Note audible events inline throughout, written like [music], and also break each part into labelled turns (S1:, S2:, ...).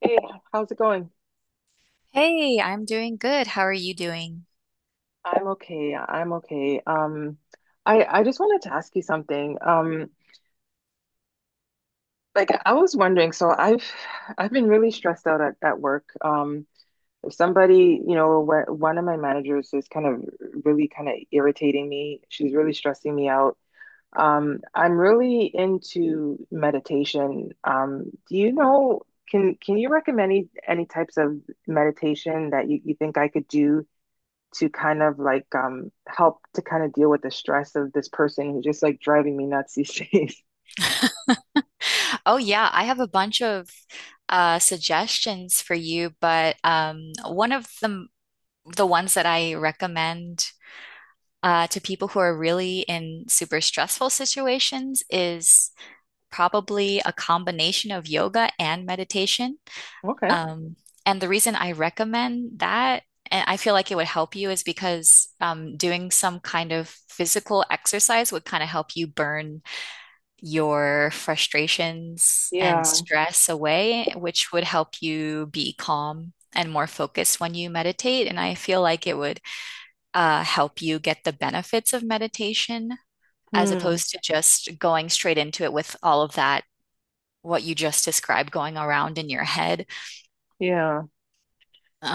S1: Hey, how's it going?
S2: Hey, I'm doing good. How are you doing?
S1: I'm okay. I'm okay. I just wanted to ask you something. Like I was wondering, so I've been really stressed out at work. If somebody, you know, one of my managers is kind of really kind of irritating me. She's really stressing me out. I'm really into meditation. Do you know, can you recommend any types of meditation that you think I could do? To kind of like help to kind of deal with the stress of this person who's just like driving me nuts these days. [laughs]
S2: Oh yeah, I have a bunch of suggestions for you, but one of the ones that I recommend to people who are really in super stressful situations is probably a combination of yoga and meditation.
S1: Okay.
S2: Um, and the reason I recommend that, and I feel like it would help you, is because doing some kind of physical exercise would kind of help you burn your frustrations and
S1: Yeah.
S2: stress away, which would help you be calm and more focused when you meditate. And I feel like it would help you get the benefits of meditation as
S1: Hmm.
S2: opposed to just going straight into it with all of that, what you just described going around in your head.
S1: Yeah.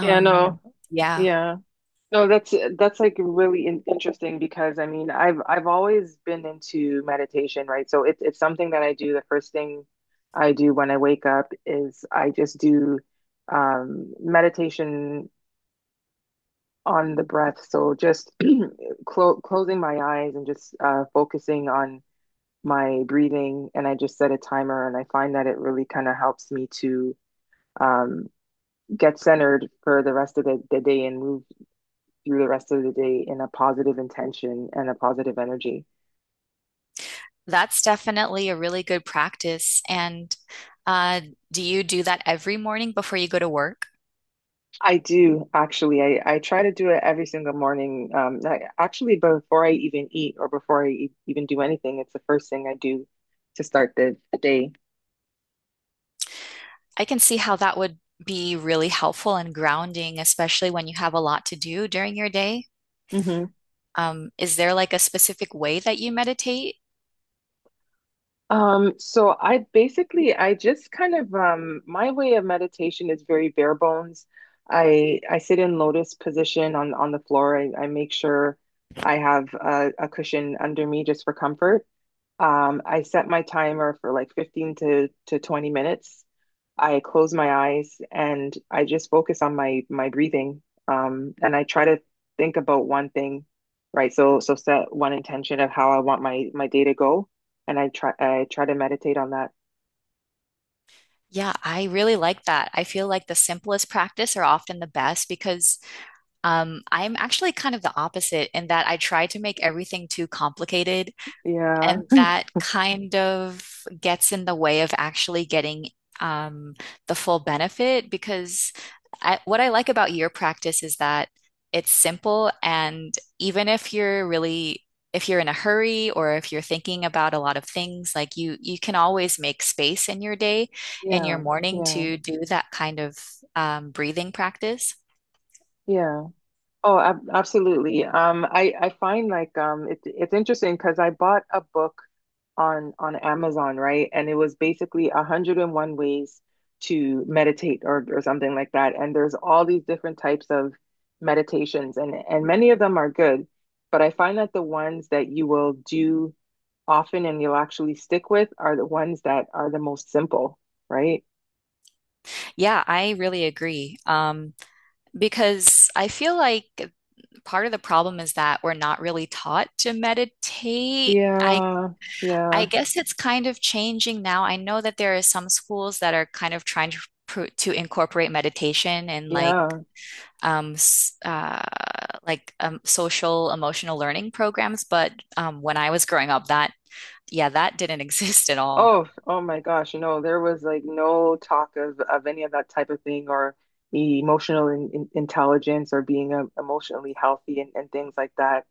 S1: Yeah, no.
S2: yeah,
S1: Yeah. No, that's like really in interesting because I mean, I've always been into meditation, right? So it's something that I do. The first thing I do when I wake up is I just do meditation on the breath. So just [clears throat] closing my eyes and just focusing on my breathing, and I just set a timer, and I find that it really kind of helps me to um, get centered for the rest of the day, and move through the rest of the day in a positive intention and a positive energy.
S2: that's definitely a really good practice. And uh, do you do that every morning before you go to work?
S1: I do actually. I try to do it every single morning. Actually, before I even eat or before I even do anything, it's the first thing I do to start the day.
S2: I can see how that would be really helpful and grounding, especially when you have a lot to do during your day.
S1: Mm-hmm.
S2: Is there like a specific way that you meditate?
S1: So I basically I just kind of my way of meditation is very bare bones. I sit in lotus position on the floor. I make sure I have a cushion under me just for comfort. I set my timer for like 15 to 20 minutes. I close my eyes and I just focus on my my breathing. And I try to think about one thing, right? So so set one intention of how I want my my day to go, and I try to meditate on that.
S2: Yeah, I really like that. I feel like the simplest practice are often the best because I'm actually kind of the opposite in that I try to make everything too complicated.
S1: Yeah,
S2: And that kind of gets in the way of actually getting um, the full benefit because what I like about your practice is that it's simple. And even if you're really, if you're in a hurry or if you're thinking about a lot of things, like you can always make space in your day, in your
S1: yeah,
S2: morning
S1: yeah,
S2: to do that kind of breathing practice.
S1: yeah. Oh, ab absolutely. I find like it, it's interesting because I bought a book on Amazon, right? And it was basically 101 ways to meditate or something like that. And there's all these different types of meditations and many of them are good, but I find that the ones that you will do often, and you'll actually stick with are the ones that are the most simple, right?
S2: Yeah, I really agree. Because I feel like part of the problem is that we're not really taught to meditate. I
S1: Yeah.
S2: I
S1: Yeah.
S2: guess it's kind of changing now. I know that there are some schools that are kind of trying to to incorporate meditation and
S1: Yeah.
S2: um uh like social emotional learning programs, but um, when I was growing up that yeah, that didn't [laughs] exist at all.
S1: Oh, oh my gosh, you know, there was like no talk of any of that type of thing or emotional intelligence or being emotionally healthy and things like that.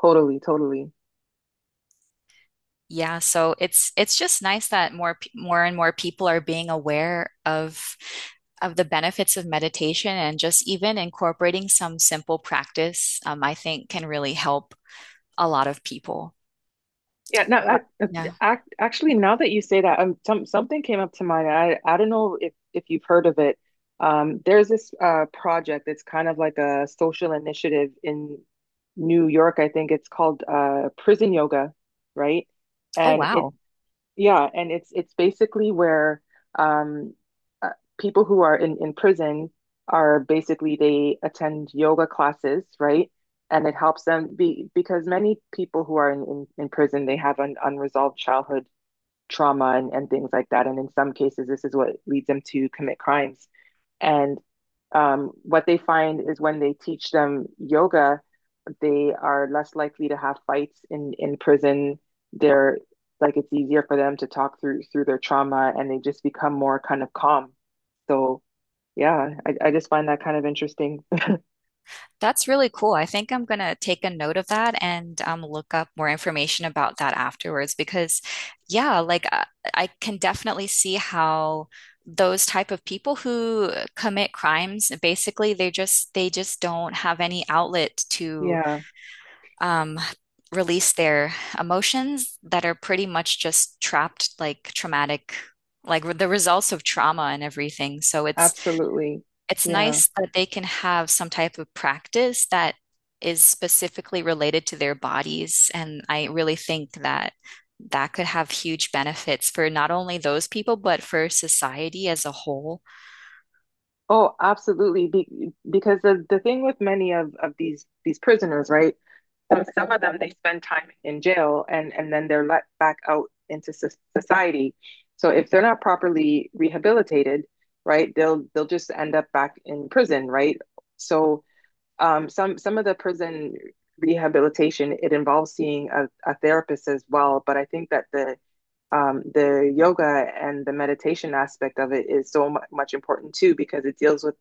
S1: Totally, totally.
S2: Yeah, so it's just nice that more and more people are being aware of the benefits of meditation and just even incorporating some simple practice. Um, I think can really help a lot of people.
S1: Yeah, no,
S2: But yeah.
S1: actually, now that you say that, some, something came up to mind. I don't know if you've heard of it. There's this project. It's kind of like a social initiative in New York. I think it's called Prison Yoga, right?
S2: Oh,
S1: And
S2: wow.
S1: yeah, and it's basically where um, uh, people who are in prison are basically they attend yoga classes, right? And it helps them be because many people who are in in prison they have an unresolved childhood trauma and things like that. And in some cases, this is what leads them to commit crimes. And what they find is when they teach them yoga, they are less likely to have fights in prison. They're like it's easier for them to talk through through their trauma, and they just become more kind of calm. So yeah, I just find that kind of interesting. [laughs]
S2: That's really cool. I think I'm going to take a note of that and look up more information about that afterwards because, yeah, like I can definitely see how those type of people who commit crimes, basically, they just don't have any outlet to
S1: Yeah,
S2: um, release their emotions that are pretty much just trapped, like traumatic, like the results of trauma and everything. So it's
S1: absolutely.
S2: it's
S1: Yeah.
S2: nice that they can have some type of practice that is specifically related to their bodies. And I really think that that could have huge benefits for not only those people, but for society as a whole.
S1: Oh, absolutely. Be because the thing with many of these prisoners, right? So some of them they spend time in jail and then they're let back out into society. So if they're not properly rehabilitated, right, they'll just end up back in prison, right? So some of the prison rehabilitation it involves seeing a therapist as well, but I think that the yoga and the meditation aspect of it is so much important too because it deals with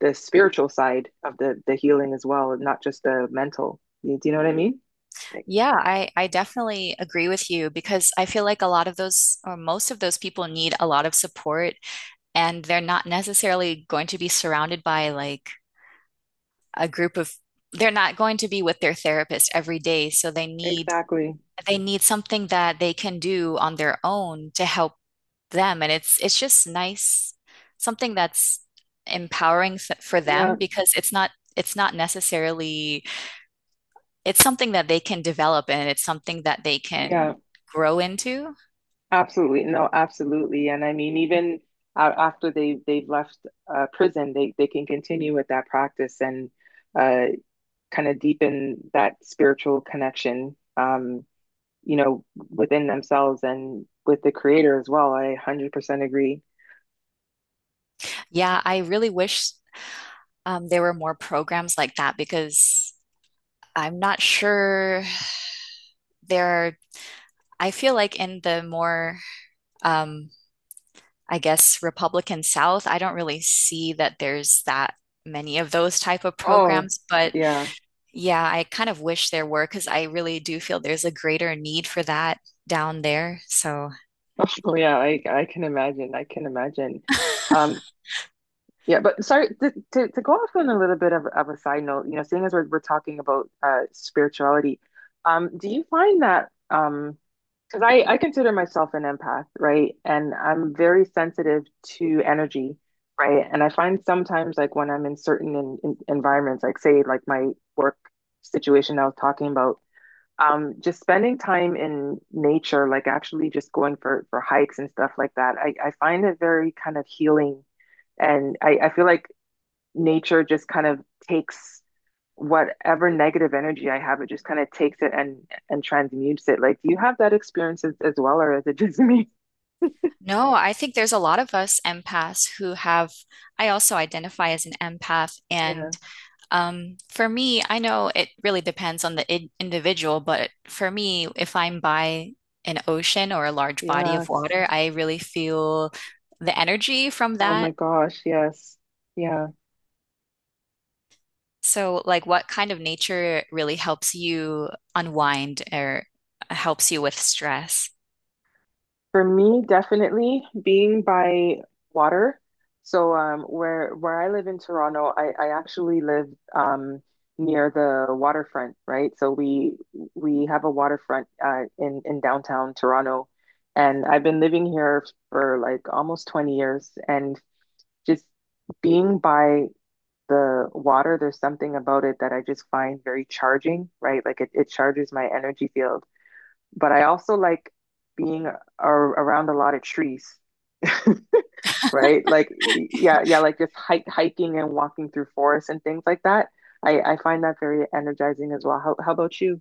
S1: the spiritual side of the healing as well, and not just the mental. Do you know what I mean?
S2: Yeah, I definitely agree with you because I feel like a lot of those, or most of those people need a lot of support, and they're not necessarily going to be surrounded by like a group of, they're not going to be with their therapist every day. So
S1: Exactly.
S2: they need something that they can do on their own to help them, and it's just nice something that's for
S1: Yeah,
S2: them because it's not necessarily it's something that they can develop and it's something that they can
S1: yeah,
S2: grow into.
S1: absolutely. No, absolutely. And I mean, even after they've left prison, they can continue with that practice and uh, kind of deepen that spiritual connection. You know, within themselves and with the creator as well. I 100% agree.
S2: Yeah, I really wish there were more programs like that because I'm not sure there are. I feel like in the more, um, I guess, Republican South, I don't really see that there's that many of those type of
S1: Oh,
S2: programs. But
S1: yeah.
S2: yeah, I kind of wish there were because I really do feel there's a greater need for that down there. So
S1: Oh, yeah. I can imagine. I can imagine.
S2: [laughs]
S1: Um, yeah, but sorry to go off on a little bit of a side note, you know, seeing as we're talking about spirituality, do you find that because I consider myself an empath, right? And I'm very sensitive to energy, right? And I find sometimes, like when I'm in certain in environments, like say, like my work situation I was talking about, just spending time in nature, like actually just going for hikes and stuff like that, I find it very kind of healing. And I feel like nature just kind of takes whatever negative energy I have, it just kind of takes it and transmutes it. Like, do you have that experience as well, or is it just [laughs] me?
S2: no, I think there's a lot of us empaths who have, I also identify as an empath.
S1: Yeah.
S2: And um, for me, I know it really depends on the I individual, but for me, if I'm by an ocean or a large body of
S1: Yes.
S2: water, I really feel the energy from
S1: Oh my
S2: that.
S1: gosh. Yes. Yeah.
S2: So, like, what kind of nature really helps you unwind or helps you with stress?
S1: For me, definitely being by water. So where I live in Toronto, I actually live um, near the waterfront, right? So we have a waterfront in downtown Toronto, and I've been living here for like almost 20 years, and just being by the water, there's something about it that I just find very charging, right? Like it charges my energy field, but I also like being a around a lot of trees, right? Like, yeah, yeah, like just hiking and walking through forests and things like that. I find that very energizing as well. How about you?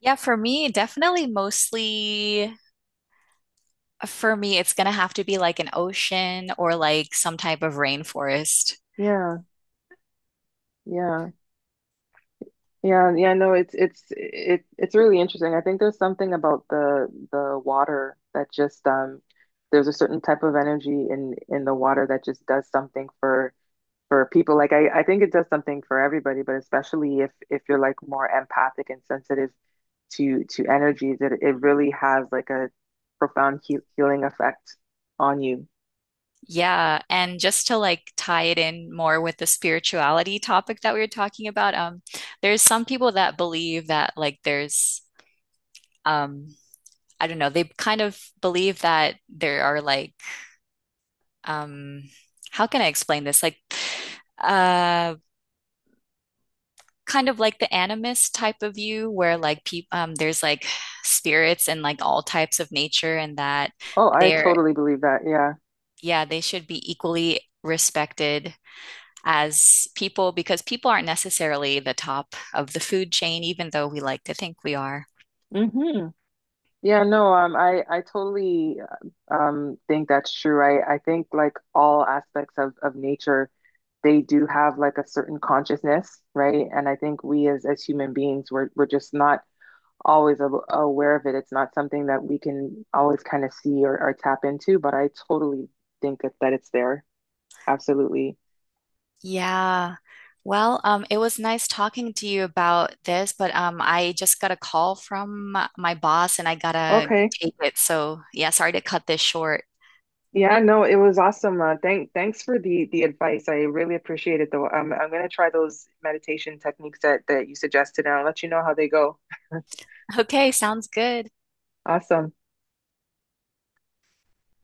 S2: Yeah, for me, definitely mostly for me, it's gonna have to be like an ocean or like some type of rainforest.
S1: Yeah, yeah, yeah, yeah. No, it's really interesting. I think there's something about the water that just there's a certain type of energy in the water that just does something for people. Like I think it does something for everybody, but especially if you're like more empathic and sensitive to energies, it really has like a profound healing effect on you.
S2: Yeah, and just to like tie it in more with the spirituality topic that we were talking about, there's some people that believe that like there's um I don't know, they kind of believe that there are like um how can I explain this? Like uh kind of like the animist type of view where like people there's like spirits and like all types of nature, and that
S1: Oh, I
S2: they're
S1: totally believe that, yeah.
S2: yeah, they should be equally respected as people because people aren't necessarily the top of the food chain, even though we like to think we are.
S1: Hmm, yeah, no, I I totally think that's true. I think like all aspects of nature they do have like a certain consciousness, right? And I think we as human beings we're just not always aware of it. It's not something that we can always kind of see or tap into, but I totally think that, that it's there. Absolutely.
S2: Yeah. Well, it was nice talking to you about this, but I just got a call from my boss and I gotta
S1: Okay.
S2: take it. So, yeah, sorry to cut this short. [laughs]
S1: Yeah, no, it was awesome. Thanks for the advice. I really appreciate it, though. I'm gonna try those meditation techniques that that you suggested, and I'll let you know how they go.
S2: Okay, sounds good.
S1: Awesome.